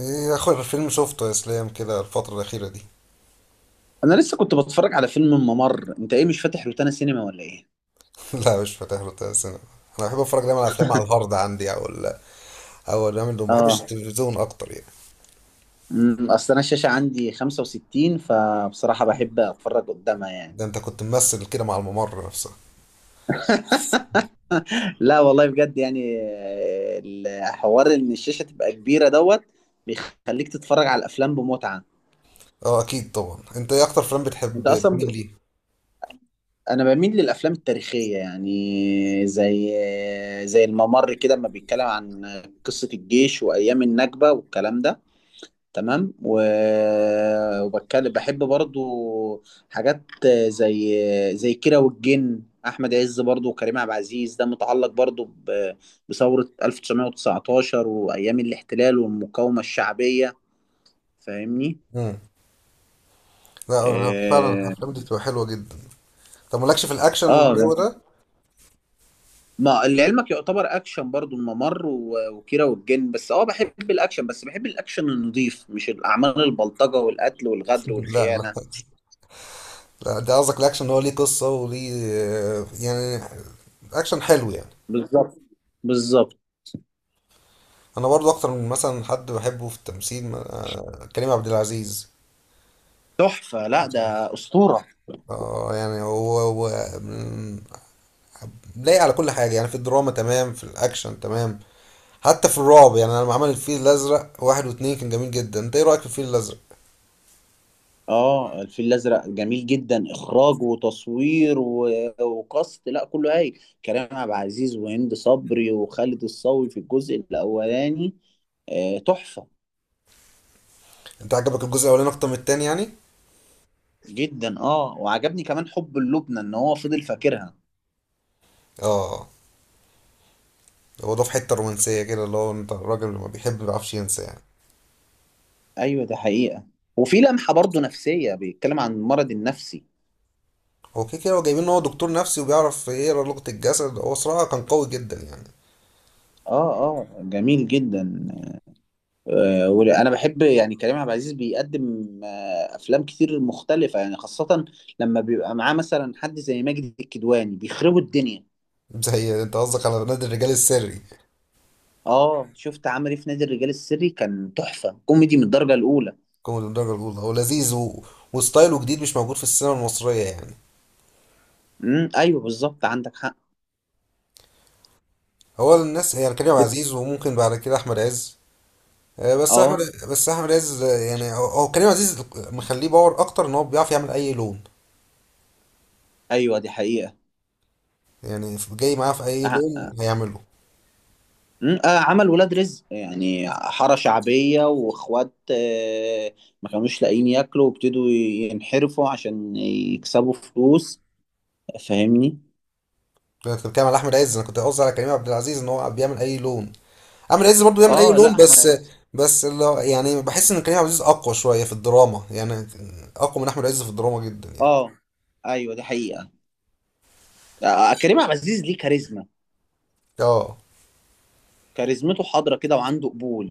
ايه اخر فيلم شفته يا اسلام كده الفترة الأخيرة دي انا لسه كنت بتفرج على فيلم الممر. انت ايه، مش فاتح روتانا سينما ولا ايه؟ لا مش فاتح له تلات سينما. انا بحب اتفرج دايما على افلام على الهارد عندي او او الأيام اللي ما بحبش اه، التلفزيون اكتر يعني. اصل انا الشاشه عندي 65، فبصراحه بحب اتفرج قدامها يعني. ده انت كنت ممثل كده مع الممر نفسها. لا والله بجد يعني، الحوار ان الشاشه تبقى كبيره دوت بيخليك تتفرج على الافلام بمتعه. اه اكيد طبعا، انت ايه اكتر فيلم انت بتحب، اصلا ب... مين ليه؟ انا بميل للافلام التاريخيه، يعني زي الممر كده لما بيتكلم عن قصه الجيش وايام النكبه والكلام ده. تمام، وبتكلم بحب برضو حاجات زي زي كيرة والجن، احمد عز برضو وكريم عبد العزيز، ده متعلق برضو بثورة 1919 وايام الاحتلال والمقاومة الشعبية. فاهمني؟ امم لا أنا فعلا اه. الافلام دي بتبقى حلوة جدا. طب مالكش في الاكشن آه، والجو ده؟ ما لعلمك يعتبر اكشن برضو الممر وكيرة والجن، بس اه بحب الاكشن، بس بحب الاكشن النظيف، مش الاعمال البلطجة والقتل والغدر لا، والخيانة. لا، لا ده قصدك الاكشن هو ليه قصة وليه يعني اكشن حلو يعني. بالظبط. بالظبط. انا برضو اكتر من مثلا حد بحبه في التمثيل كريم عبد العزيز. تحفة، لا ده أسطورة. اه يعني هو، مم، لايق على كل حاجة يعني، في الدراما تمام، في الأكشن تمام، حتى في الرعب يعني. أنا لما عمل الفيل الأزرق واحد واتنين كان جميل جدا، أنت إيه رأيك في الفيل الأزرق؟ اه الفيل الأزرق جميل جدا، إخراج وتصوير وكاست، لا كله هايل. كريم عبد العزيز وهند صبري وخالد الصاوي في الجزء الأولاني، آه تحفة. أنت عجبك الجزء الأولاني أكتر من التاني يعني؟ جدا، اه، وعجبني كمان حب اللبنة إن هو فضل فاكرها. اه. هو ده في حتة رومانسية كده اللي هو أنت الراجل اللي ما بيحب ما بيعرفش ينسى يعني. أيوة، ده حقيقة. وفي لمحة برضو نفسية، بيتكلم عن المرض النفسي. هو كده كده هو جايبين إن هو دكتور نفسي وبيعرف يقرا لغة الجسد، هو صراحة كان قوي جدا يعني. اه اه جميل جدا. وانا بحب يعني كريم عبد العزيز بيقدم افلام كتير مختلفه، يعني خاصه لما بيبقى معاه مثلا حد زي ماجد الكدواني، بيخربوا الدنيا. زي أنت قصدك على نادي الرجال السري. اه شفت عمل ايه في نادي الرجال السري، كان تحفه، كوميدي من الدرجه الاولى. كوميدي الدرجة الأولى، هو لذيذ وستايله جديد مش موجود في السينما المصرية يعني. ايوه، بالظبط، عندك حق. هو الناس يعني كريم بت- عزيز وممكن بعد كده احمد عز. آه. اه. بس احمد عز، يعني هو كريم عزيز مخليه باور اكتر ان هو بيعرف يعمل اي لون. ايوه دي حقيقه. يعني جاي معاه في اي آه. لون هيعمله. عمل ولاد رزق، يعني حاره شعبيه واخوات، ما كانوش لاقيين ياكلوا وابتدوا ينحرفوا عشان يكسبوا فلوس. فاهمني؟ انا كنت بتكلم على احمد عز، انا كنت قصدي على كريم عبد العزيز ان هو بيعمل اي لون. احمد عز برضه بيعمل اي اه، لا. لون، بس يعني بحس ان كريم عبد العزيز اقوى شويه في الدراما يعني، اقوى من احمد عز في الدراما جدا يعني. اه ايوه دي حقيقه. كريم عبد العزيز ليه كاريزما. اه. كاريزمته حاضره كده وعنده قبول.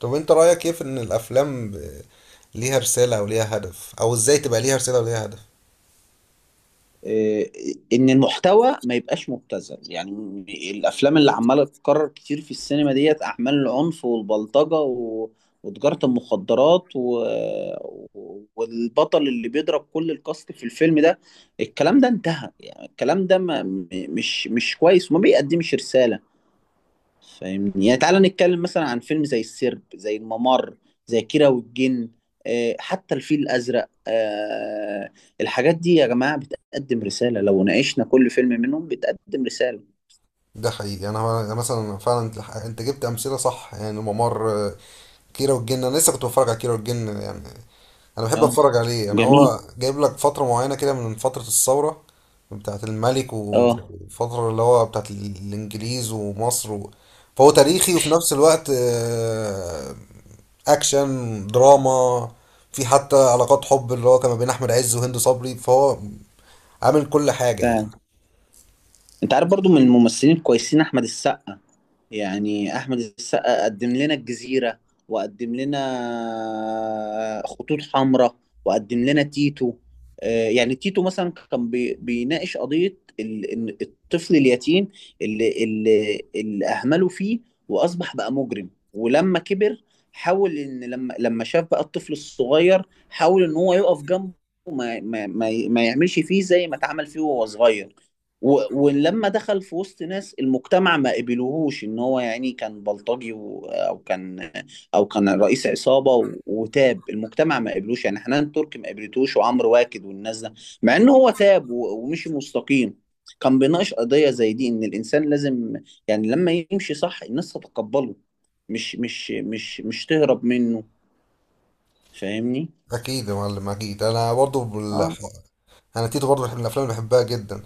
طب انت رايك ايه في ان الافلام ليها رساله او ليها هدف، او ازاي تبقى ليها رساله وليها هدف؟ آه، ان المحتوى ما يبقاش مبتذل يعني، الافلام اللي عماله تتكرر كتير في السينما ديت، اعمال العنف والبلطجه وتجاره المخدرات والبطل اللي بيضرب كل الكاست في الفيلم ده، الكلام ده انتهى، يعني الكلام ده ما... م- مش مش كويس وما بيقدمش رساله. فاهمني؟ يعني تعالى نتكلم مثلا عن فيلم زي السرب، زي الممر، زي كيرة والجن، حتى الفيل الأزرق. الحاجات دي يا جماعة بتقدم رسالة، لو ناقشنا كل فيلم منهم بتقدم رسالة. ده حقيقي. انا مثلا فعلا انت جبت امثله صح يعني ممر، كيرة والجن، انا لسه كنت بتفرج على كيرة والجن يعني. انا بحب اه اتفرج عليه، انا جميل. هو جايب لك فتره معينه كده من فتره الثوره بتاعه الملك، اه وفتره اللي هو بتاعه الانجليز ومصر. فهو تاريخي، وفي نفس الوقت اكشن دراما، في حتى علاقات حب اللي هو كان ما بين احمد عز وهند صبري، فهو عامل كل حاجه يعني. فعلا، انت عارف برضو من الممثلين الكويسين احمد السقا. يعني احمد السقا قدم لنا الجزيره، وقدم لنا خطوط حمراء، وقدم لنا تيتو. يعني تيتو مثلا كان بيناقش قضيه إن الطفل اليتيم اللي اهمله فيه، واصبح بقى مجرم، ولما كبر حاول ان لما شاف بقى الطفل الصغير، حاول ان هو يقف جنبه، ما يعملش فيه زي ما اتعمل فيه وهو صغير، ولما دخل في وسط ناس المجتمع ما قبلوهوش ان هو، يعني كان بلطجي او كان رئيس عصابه وتاب، المجتمع ما قبلوش يعني، حنان تركي ما قبلتوش وعمرو واكد والناس ده، مع ان هو تاب ومشي مستقيم. كان بيناقش قضيه زي دي، ان الانسان لازم يعني لما يمشي صح الناس تتقبله، مش تهرب منه. فاهمني؟ اكيد يا معلم اكيد. اه انا تيتو برضه من الافلام اللي بحبها جدا.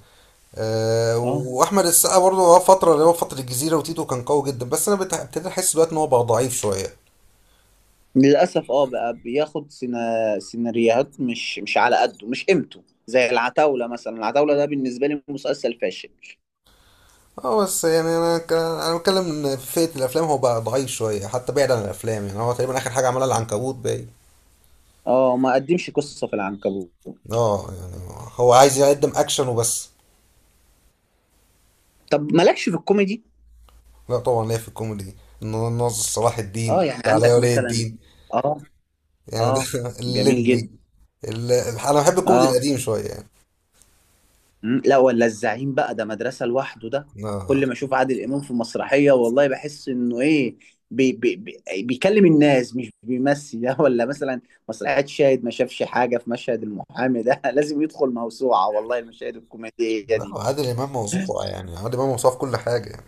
أه، اه واحمد السقا برضه هو فتره اللي هو فتره الجزيره وتيتو كان قوي جدا، بس انا ابتديت احس دلوقتي ان هو بقى ضعيف شويه. للأسف، اه بقى بياخد سيناريوهات مش على قده، مش قيمته، زي العتاولة مثلا. العتاولة ده بالنسبة لي مسلسل فاشل. اه بس يعني انا بتكلم ان في فئه الافلام هو بقى ضعيف شويه، حتى بعيد عن الافلام يعني هو تقريبا اخر حاجه عملها العنكبوت باين. اه ما قدمش قصة في العنكبوت. اه يعني هو عايز يقدم اكشن وبس. طب مالكش في الكوميدي؟ لا طبعا ليه في الكوميدي، إنه ناصر صلاح اه الدين، يعني تعالى يا عندك ولي مثلا، الدين. اه. يعني ده اه جميل الليمبي. جدا. انا بحب الكوميدي اه القديم شويه يعني. لا، ولا الزعيم بقى، ده مدرسة لوحده ده. لا. كل ما اشوف عادل امام في مسرحية، والله بحس انه ايه، بي بي بي بيكلم الناس مش بيمثل ده، ولا مثلا مسرحية شاهد ما شافش حاجة في مشهد المحامي ده لازم يدخل موسوعة، والله المشاهد الكوميدية لا دي. عادل امام موصوف، يعني عادل امام موصوف كل حاجه يعني.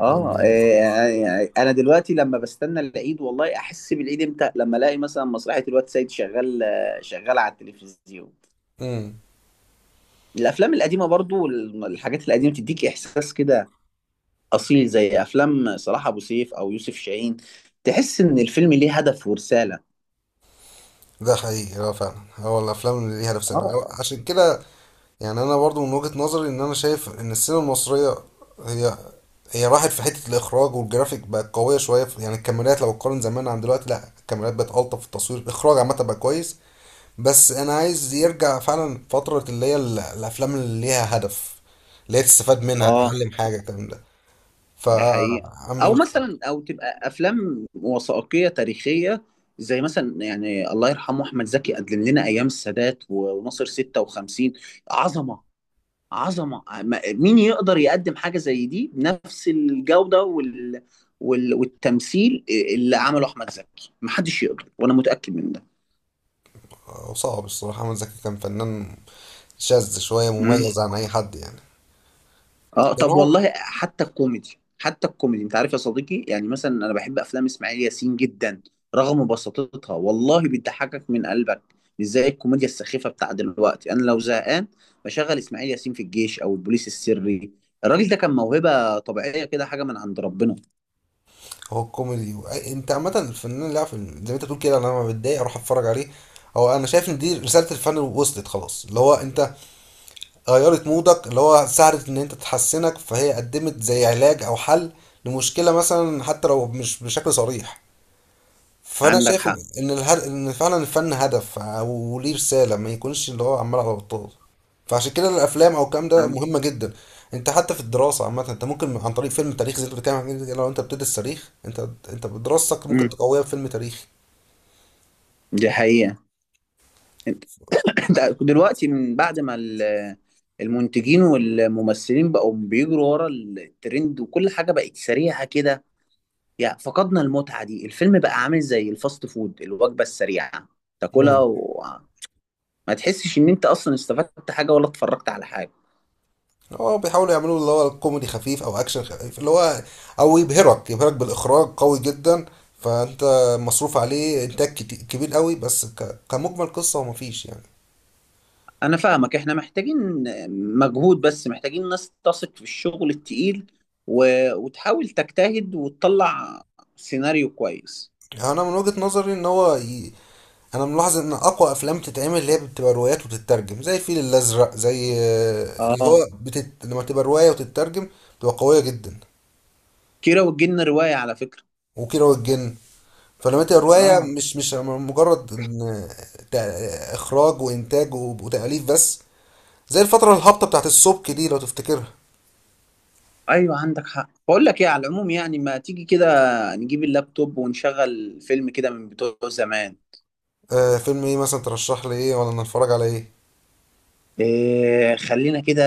اه يعني- انا دلوقتي لما بستنى العيد، والله احس بالعيد امتى، لما الاقي مثلا مسرحية الواد سيد شغال، شغال على التلفزيون. امم الافلام القديمة برضو والحاجات القديمة بتديك احساس كده، اصيل، زي افلام صلاح ابو سيف او يوسف شاهين. تحس ان الفيلم ليه هدف ورساله. ده حقيقي. اه فعلا، هو الافلام اللي ليها نفسها اه عشان كده. يعني انا برضو من وجهه نظري ان انا شايف ان السينما المصريه هي هي راحت في حته الاخراج والجرافيك، بقت قويه شويه يعني الكاميرات لو تقارن زمان عن دلوقتي، لا الكاميرات بقت الطف في التصوير، الاخراج عامه بقى كويس. بس انا عايز يرجع فعلا فتره اللي هي الافلام اللي ليها هدف، اللي هي تستفاد منها، اه تتعلم حاجه، الكلام ده. ف ده حقيقه. او مثلا او تبقى افلام وثائقيه تاريخيه، زي مثلا يعني الله يرحمه احمد زكي قدم لنا ايام السادات وناصر 56. عظمه، عظمه، مين يقدر يقدم حاجه زي دي بنفس الجوده والتمثيل. اللي عمله احمد زكي محدش يقدر، وانا متاكد من صعب الصراحة، أحمد زكي كان فنان شاذ شوية، ده. مميز عن أي حد يعني. اه كان طب هو والله حتى الكوميدي، حتى الكوميدي، انت عارف يا صديقي، يعني مثلا انا بحب افلام اسماعيل ياسين جدا، رغم بساطتها والله بتضحكك من قلبك، مش زي الكوميديا السخيفه بتاع دلوقتي. انا لو زهقان بشغل اسماعيل ياسين في الجيش او البوليس السري. الراجل ده كان موهبه طبيعيه كده، حاجه من عند ربنا. هو الكوميدي أنت عامة الفنان اللي عارف، زي ما أنت بتقول كده، أنا لما بتضايق أروح أتفرج عليه. هو أنا شايف إن دي رسالة الفن وصلت خلاص، اللي هو أنت غيرت مودك، اللي هو ساعدت إن أنت تحسنك، فهي قدمت زي علاج أو حل لمشكلة مثلا حتى لو مش بشكل صريح. فانا عندك شايف ان حق. ان ان فعلا الفن هدف او ليه رساله، ما يكونش اللي هو عمال على بطال. فعشان كده الافلام او الكلام ده مهمه جدا. انت حتى في الدراسه عامه انت ممكن عن طريق فيلم تاريخي زي اللي بتتكلم عنه كده، لو انت بتدرس تاريخ انت بدراستك ممكن امم تقويها بفيلم تاريخي. دي حقيقه. انت انت دلوقتي من بعد ما المنتجين والممثلين بقوا بيجروا ورا الترند، وكل حاجه بقت سريعه كده، يعني فقدنا المتعة دي، الفيلم بقى عامل زي الفاست فود، الوجبة السريعة، تاكلها مم. وما تحسش ان انت اصلا استفدت حاجة ولا اتفرجت على حاجة. هو بيحاولوا يعملوا اللي هو كوميدي خفيف او اكشن خفيف، اللي هو او يبهرك بالاخراج قوي جدا. فانت مصروف عليه انتاج كبير قوي، بس كمجمل قصه هو مفيش يعني. انا فاهمك، احنا محتاجين مجهود، بس محتاجين ناس تثق في الشغل التقيل و... وتحاول تجتهد وتطلع سيناريو كويس. انا من وجهه نظري ان هو انا ملاحظ ان اقوى افلام تتعمل اللي هي بتبقى روايات وتترجم، زي الفيل الازرق، زي اه لما تبقى روايه وتترجم بتبقى قويه جدا. كيرة والجن رواية على فكرة. وكيرة والجن، فلما تبقى روايه اه مش مجرد إن اخراج وانتاج وتاليف بس، زي الفتره الهابطه بتاعت السبك دي لو تفتكرها. ايوه عندك حق. بقول لك ايه، على العموم يعني، ما تيجي كده نجيب اللابتوب ونشغل فيلم كده من بتوع زمان. آه، فيلم ايه مثلا ترشح لي، ايه ولا نتفرج على ايه؟ إيه خلينا كده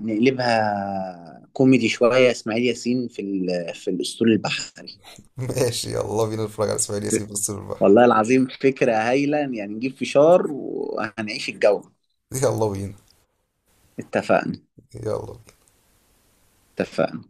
نقلبها كوميدي شوية، إسماعيل ياسين في في الأسطول البحري. ماشي، يلا بينا نتفرج على اسماعيل ياسين في الصيف البحر. والله العظيم فكرة هايلة، يعني نجيب فشار وهنعيش الجو. يلا بينا. اتفقنا. يلا. اتفقنا.